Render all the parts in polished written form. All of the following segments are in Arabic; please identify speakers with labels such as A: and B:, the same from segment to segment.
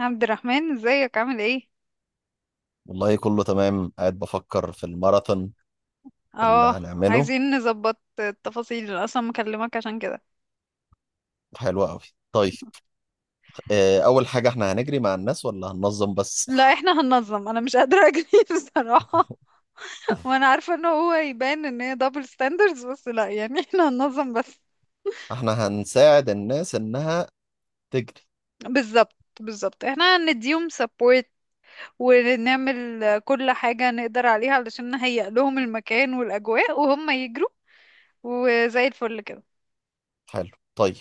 A: عبد الرحمن، ازيك؟ عامل ايه؟
B: والله كله تمام، قاعد بفكر في الماراثون اللي
A: اه.
B: هنعمله.
A: عايزين نظبط التفاصيل، انا اصلا مكلمك عشان كده.
B: حلو قوي. طيب. اول حاجة احنا هنجري مع الناس ولا هننظم بس؟
A: لا، احنا هننظم. انا مش قادره اجري بصراحه. وانا عارفه ان هو يبان ان هي دبل ستاندردز، بس لا يعني احنا هننظم بس.
B: احنا هنساعد الناس انها تجري.
A: بالظبط بالظبط، احنا هنديهم سبورت، ونعمل كل حاجه نقدر عليها علشان نهيئ لهم المكان والاجواء وهم يجروا، وزي الفل كده.
B: حلو. طيب.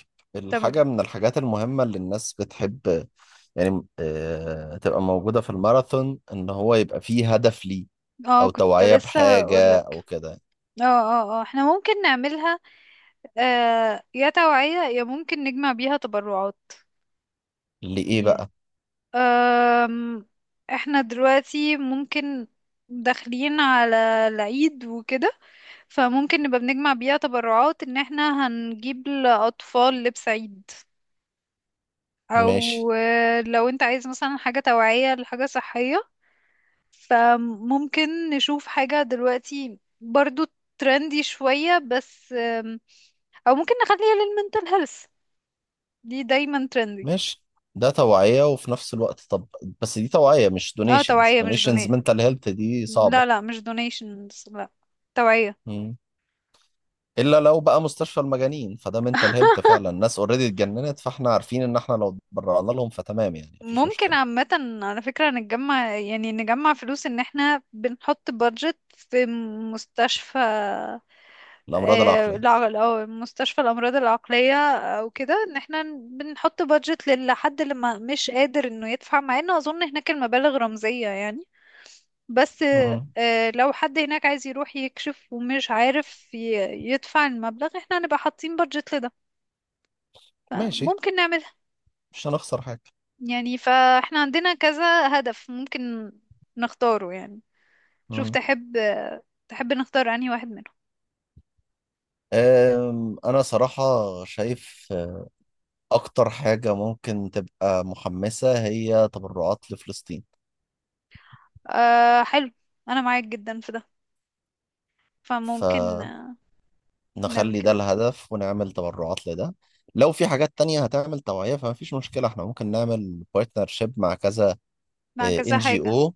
A: تمام.
B: الحاجة من الحاجات المهمة اللي الناس بتحب، يعني تبقى موجودة في الماراثون، ان هو يبقى فيه هدف ليه،
A: اه،
B: او
A: كنت
B: توعية
A: لسه
B: بحاجة
A: هقولك.
B: او كده.
A: اه، اه، اه، احنا ممكن نعملها. آه، يا توعية يا ممكن نجمع بيها تبرعات.
B: لإيه
A: يعني
B: بقى؟
A: آم، احنا دلوقتي ممكن داخلين على العيد وكده، فممكن نبقى بنجمع بيها تبرعات ان احنا هنجيب لأطفال لبس عيد.
B: ماشي.
A: او لو انت عايز مثلا حاجة توعية لحاجة صحية، فممكن نشوف حاجة دلوقتي برضو ترندي شوية. بس او ممكن نخليها للمنتل هيلث. دي دايما ترندي.
B: ماشي. ده توعية وفي نفس الوقت طب. بس دي توعية مش
A: اه،
B: دونيشنز.
A: توعية مش
B: دونيشنز
A: دوني.
B: منتال هيلث دي
A: لا
B: صعبة.
A: لا، مش دونيشنز، لا. توعية.
B: مم. إلا لو بقى مستشفى المجانين فده منتال هيلث فعلا، الناس اوريدي اتجننت، فاحنا عارفين إن احنا لو اتبرعنا لهم فتمام، يعني مفيش
A: ممكن
B: مشكلة.
A: عامة على فكرة نتجمع، يعني نجمع فلوس ان احنا بنحط بادجت في مستشفى.
B: الأمراض العقلية.
A: مستشفى الأمراض العقلية أو كده، إن احنا بنحط بادجت لحد اللي ما مش قادر إنه يدفع، مع إنه أظن هناك المبالغ رمزية يعني. بس
B: مم.
A: لو حد هناك عايز يروح يكشف ومش عارف يدفع المبلغ، احنا هنبقى حاطين بادجت لده.
B: ماشي.
A: فممكن نعملها.
B: مش هنخسر حاجة.
A: يعني فاحنا عندنا كذا هدف ممكن نختاره يعني. شوف
B: مم.
A: تحب، نختار انهي واحد منهم؟
B: أنا صراحة شايف أكتر حاجة ممكن تبقى محمسة هي تبرعات لفلسطين.
A: أه، حلو. انا معاك جدا في ده.
B: ف
A: فممكن نعمل
B: نخلي ده
A: كده
B: الهدف ونعمل تبرعات لده. لو في حاجات تانية هتعمل توعية فما فيش مشكلة، احنا ممكن نعمل بارتنرشيب مع كذا
A: مع كذا
B: ان جي
A: حاجة
B: او.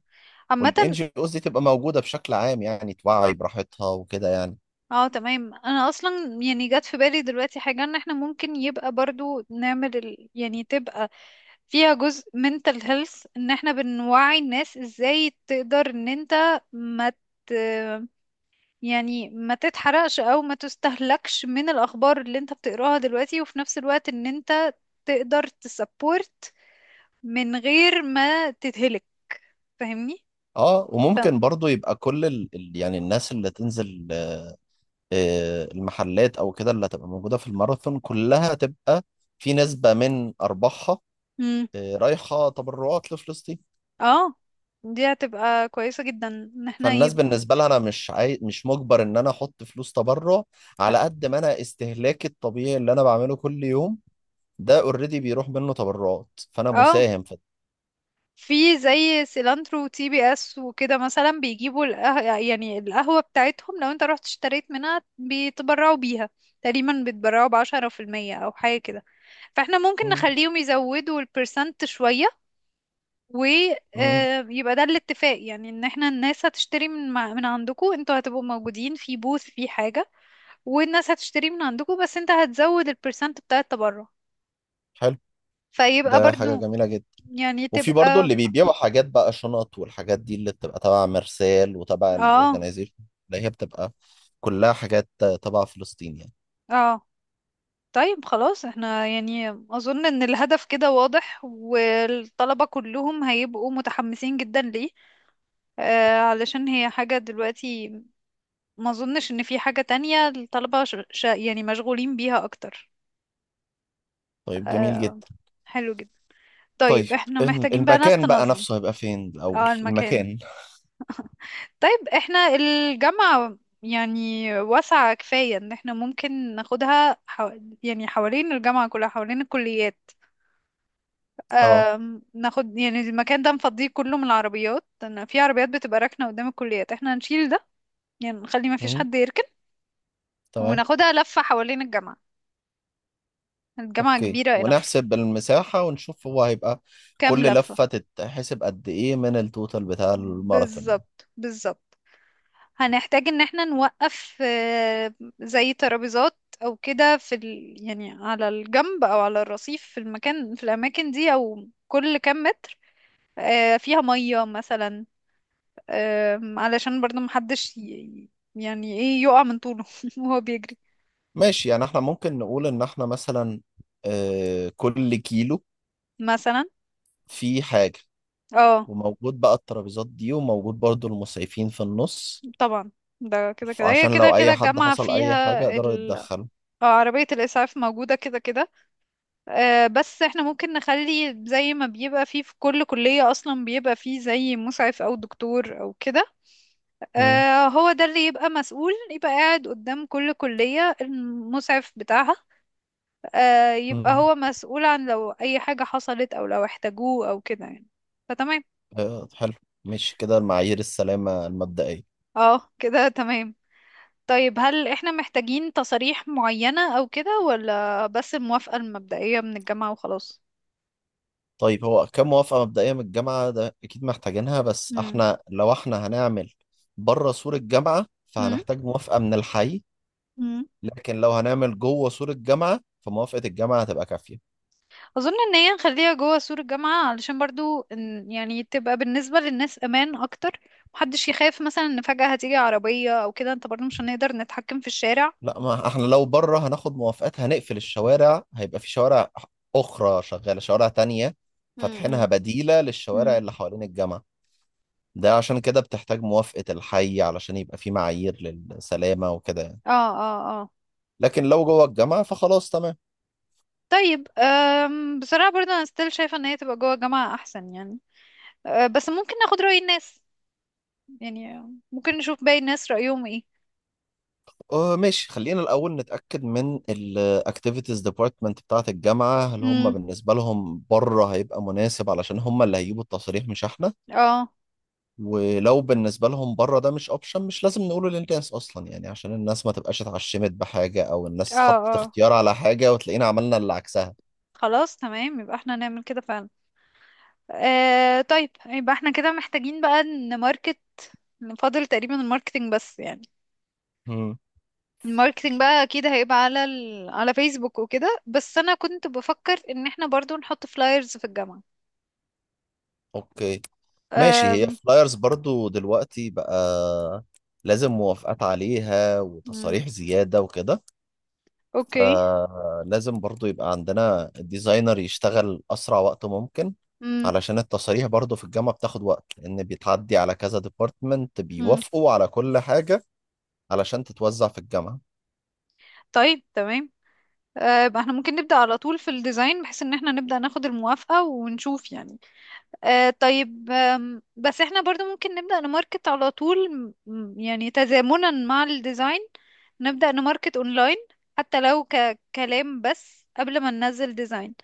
B: والان
A: عامة.
B: جي اوز دي تبقى موجودة بشكل عام، يعني توعي براحتها وكده يعني.
A: اه، تمام. انا اصلا يعني جت في بالي دلوقتي حاجة ان احنا ممكن يبقى برضو نعمل يعني تبقى فيها جزء mental health، ان احنا بنوعي الناس ازاي تقدر ان انت ما ت... يعني ما تتحرقش او ما تستهلكش من الاخبار اللي انت بتقراها دلوقتي، وفي نفس الوقت ان انت تقدر تسبورت من غير ما تتهلك. فاهمني؟
B: اه،
A: ف...
B: وممكن برضو يبقى كل يعني الناس اللي تنزل، المحلات او كده اللي هتبقى موجودة في الماراثون كلها تبقى في نسبة من ارباحها
A: مم.
B: رايحة تبرعات لفلسطين.
A: اه، دي هتبقى كويسة جدا ان احنا
B: فالناس
A: يبقى.
B: بالنسبة لها أنا مش مش مجبر إن أنا أحط فلوس تبرع، على قد ما أنا استهلاكي الطبيعي اللي أنا بعمله كل يوم ده أوريدي بيروح منه تبرعات فأنا
A: اه،
B: مساهم في.
A: في زي سيلانترو وتي بي اس وكده مثلا بيجيبوا يعني القهوة بتاعتهم، لو انت رحت اشتريت منها بيتبرعوا بيها. تقريبا بيتبرعوا ب10% او حاجة كده. فاحنا ممكن
B: مم.
A: نخليهم يزودوا البرسنت شوية،
B: مم.
A: ويبقى ده الاتفاق. يعني ان احنا الناس هتشتري من عندكم. انتوا هتبقوا موجودين في بوث في حاجة، والناس هتشتري من عندكم، بس انت هتزود البرسنت بتاع التبرع.
B: حلو.
A: فيبقى
B: ده حاجة
A: برضو
B: جميلة جدا.
A: يعني
B: وفي برضو
A: تبقى.
B: اللي بيبيعوا حاجات بقى، شنط والحاجات دي اللي بتبقى تبع مرسال وتبع
A: اه،
B: الأورجنايزيشن، اللي هي بتبقى كلها حاجات تبع فلسطين يعني.
A: اه. طيب خلاص. احنا يعني اظن ان الهدف كده واضح، والطلبة كلهم هيبقوا متحمسين جدا ليه. علشان هي حاجة دلوقتي، ما اظنش ان في حاجة تانية الطلبة يعني مشغولين بيها اكتر.
B: طيب، جميل
A: آه
B: جدا.
A: حلو جدا.
B: طيب،
A: طيب احنا محتاجين بقى ناس
B: المكان بقى
A: تنظم.
B: نفسه هيبقى فين الأول،
A: اه، المكان.
B: المكان؟
A: طيب احنا الجامعة يعني واسعة كفاية ان احنا ممكن ناخدها يعني حوالين الجامعة كلها حوالين الكليات.
B: اه.
A: ناخد يعني المكان ده نفضيه كله من العربيات، لأن في عربيات بتبقى راكنة قدام الكليات. احنا هنشيل ده، يعني نخلي ما فيش
B: مم.
A: حد يركن.
B: تمام.
A: وناخدها لفة حوالين الجامعة. الجامعة
B: اوكي،
A: كبيرة enough.
B: ونحسب المساحة ونشوف هو هيبقى
A: كام
B: كل
A: لفة؟
B: لفة تتحسب قد ايه من التوتال بتاع الماراثون يعني.
A: بالظبط بالظبط. هنحتاج ان احنا نوقف زي ترابيزات او كده في يعني على الجنب او على الرصيف، في المكان في الاماكن دي او كل كام متر فيها مية مثلا. علشان برضه محدش يعني ايه، يقع من طوله وهو بيجري.
B: ماشي، يعني احنا ممكن نقول ان احنا مثلا كل كيلو
A: مثلا.
B: فيه حاجة،
A: اه،
B: وموجود بقى الترابيزات دي، وموجود برضو المسعفين في النص.
A: طبعا. ده كده كده، هي
B: عشان
A: كده
B: لو
A: كده
B: اي حد
A: الجامعة
B: حصل اي
A: فيها
B: حاجة يقدروا يتدخلوا.
A: عربية الإسعاف موجودة كده كده. بس احنا ممكن نخلي زي ما بيبقى فيه في كل كلية اصلا بيبقى فيه زي مسعف او دكتور او كده.
B: مم.
A: هو ده اللي يبقى مسؤول، يبقى قاعد قدام كل كلية المسعف بتاعها. يبقى
B: مم.
A: هو مسؤول عن لو اي حاجة حصلت او لو احتاجوه او كده يعني. فتمام.
B: حلو. ماشي كده المعايير السلامة المبدئية.
A: اه، كده تمام. طيب، هل احنا محتاجين تصاريح معينة او كده، ولا بس الموافقة المبدئية من الجامعة وخلاص؟
B: طيب، هو كام؟ موافقة مبدئية من الجامعة ده أكيد محتاجينها، بس
A: مم.
B: احنا لو احنا هنعمل بره سور الجامعة فهنحتاج موافقة من الحي.
A: مم.
B: لكن لو هنعمل جوه سور الجامعة فموافقة الجامعة هتبقى كافية.
A: اظن ان هي نخليها جوه سور الجامعة علشان برضو يعني تبقى بالنسبة للناس امان اكتر. محدش يخاف مثلا ان فجأة هتيجي عربية او كده، انت برضو مش هنقدر نتحكم في الشارع.
B: لا، ما احنا لو بره هناخد موافقات، هنقفل الشوارع، هيبقى في شوارع أخرى شغالة، شوارع تانية
A: امم.
B: فاتحينها بديلة
A: امم.
B: للشوارع اللي حوالين الجامعة. ده عشان كده بتحتاج موافقة الحي علشان يبقى في معايير للسلامة وكده يعني.
A: اه، اه، اه.
B: لكن لو جوه الجامعة فخلاص تمام.
A: طيب، بصراحة برضو انا ستيل شايفة ان هي تبقى جوه الجامعة احسن يعني. بس ممكن ناخد رأي الناس، يعني ممكن نشوف باقي الناس رأيهم ايه.
B: آه ماشي، خلينا الأول نتأكد من ال Activities Department بتاعة الجامعة، هل هم
A: امم.
B: بالنسبة لهم بره هيبقى مناسب؟ علشان هم اللي هيجيبوا التصاريح مش احنا.
A: اه،
B: ولو بالنسبة لهم بره ده مش أوبشن، مش لازم نقوله للناس أصلا يعني، عشان الناس ما تبقاش اتعشمت بحاجة، أو
A: اه،
B: الناس حطت
A: اه.
B: اختيار على حاجة وتلاقينا عملنا اللي عكسها.
A: خلاص تمام، يبقى احنا نعمل كده فعلا. طيب يبقى احنا كده محتاجين بقى نماركت. نفضل تقريبا الماركتينج بس يعني.
B: مم.
A: الماركتينج بقى اكيد هيبقى على على فيسبوك وكده، بس انا كنت بفكر ان احنا برضو نحط فلايرز في الجامعة.
B: أوكي. ماشي، هي
A: أم...
B: فلايرز برضو دلوقتي بقى لازم موافقات عليها
A: مم.
B: وتصاريح زيادة وكده.
A: اوكي.
B: لازم برضو يبقى عندنا الديزاينر يشتغل أسرع وقت ممكن،
A: مم.
B: علشان التصاريح برضو في الجامعة بتاخد وقت، لأن بيتعدي على كذا ديبارتمنت
A: مم.
B: بيوافقوا على كل حاجة علشان تتوزع في الجامعة.
A: طيب تمام. يبقى احنا ممكن نبدأ على طول في الديزاين، بحيث ان احنا نبدأ ناخد الموافقة ونشوف يعني. طيب بس احنا برضو ممكن نبدأ نماركت على طول. يعني تزامنا مع الديزاين، نبدأ نماركت اونلاين حتى لو ككلام بس قبل ما ننزل ديزاين.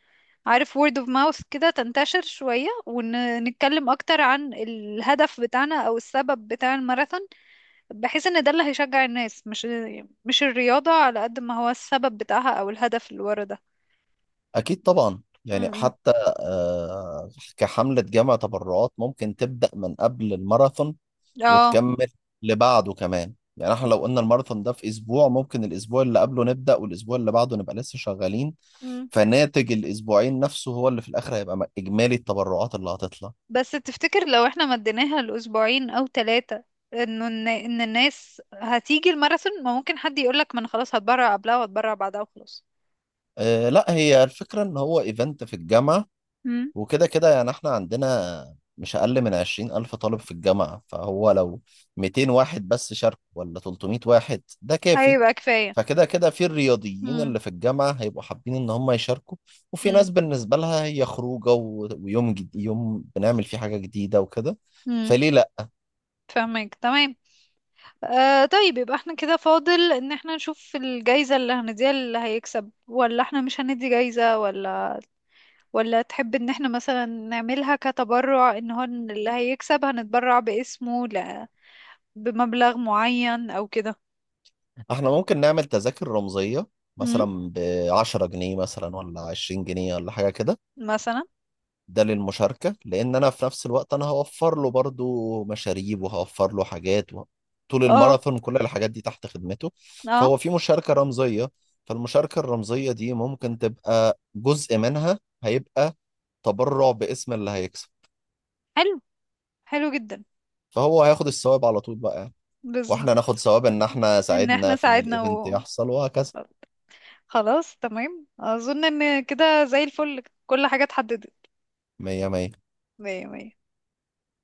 A: عارف word of mouth كده تنتشر شوية، ونتكلم أكتر عن الهدف بتاعنا أو السبب بتاع الماراثون. بحيث إن ده اللي هيشجع الناس، مش الرياضة على قد ما هو السبب بتاعها أو الهدف اللي ورا ده.
B: أكيد طبعا،
A: م-
B: يعني
A: م.
B: حتى آه، كحملة جامعة تبرعات ممكن تبدأ من قبل الماراثون
A: اه،
B: وتكمل لبعده كمان، يعني احنا لو قلنا الماراثون ده في اسبوع، ممكن الاسبوع اللي قبله نبدأ والاسبوع اللي بعده نبقى لسه شغالين. فناتج الاسبوعين نفسه هو اللي في الاخر هيبقى اجمالي التبرعات اللي هتطلع.
A: بس تفتكر لو احنا مديناها لأسبوعين أو 3، انه ان الناس هتيجي الماراثون؟ ما ممكن حد يقولك ما انا خلاص هتبرع قبلها وهتبرع بعدها وخلاص.
B: أه لا، هي الفكرة ان هو ايفنت في الجامعة،
A: امم.
B: وكده كده يعني احنا عندنا مش اقل من 20 ألف طالب في الجامعة، فهو لو 200 واحد بس شارك ولا 300 واحد ده كافي.
A: هيبقى كفاية.
B: فكده كده في الرياضيين
A: امم.
B: اللي في الجامعة هيبقوا حابين إن هم يشاركوا، وفي
A: امم.
B: ناس بالنسبة لها هي خروجة ويوم يوم بنعمل فيه حاجة جديدة وكده.
A: امم.
B: فليه لأ.
A: فاهمك تمام. طيب يبقى احنا كده فاضل ان احنا نشوف الجايزة اللي هنديها اللي هيكسب، ولا احنا مش هندي جايزة، ولا تحب ان احنا مثلا نعملها كتبرع ان هو اللي هيكسب هنتبرع باسمه بمبلغ معين او كده.
B: إحنا ممكن نعمل تذاكر رمزية، مثلا بـ10 جنيه مثلا ولا 20 جنيه ولا حاجة كده.
A: مثلا.
B: ده للمشاركة، لأن أنا في نفس الوقت أنا هوفر له برضو مشاريب وهوفر له حاجات طول
A: اه،
B: الماراثون كل الحاجات دي تحت خدمته. فهو
A: اه.
B: في مشاركة رمزية، فالمشاركة الرمزية دي ممكن تبقى جزء منها هيبقى تبرع باسم اللي هيكسب.
A: حلو. حلو جدا.
B: فهو هياخد الثواب على طول بقى يعني،
A: بالظبط.
B: واحنا ناخد ثواب ان احنا
A: ان
B: ساعدنا
A: احنا
B: في ان
A: ساعدنا
B: الايفنت
A: و
B: يحصل وهكذا.
A: خلاص تمام، اظن ان كده زي الفل كل حاجة اتحددت.
B: مية مية.
A: مية مية.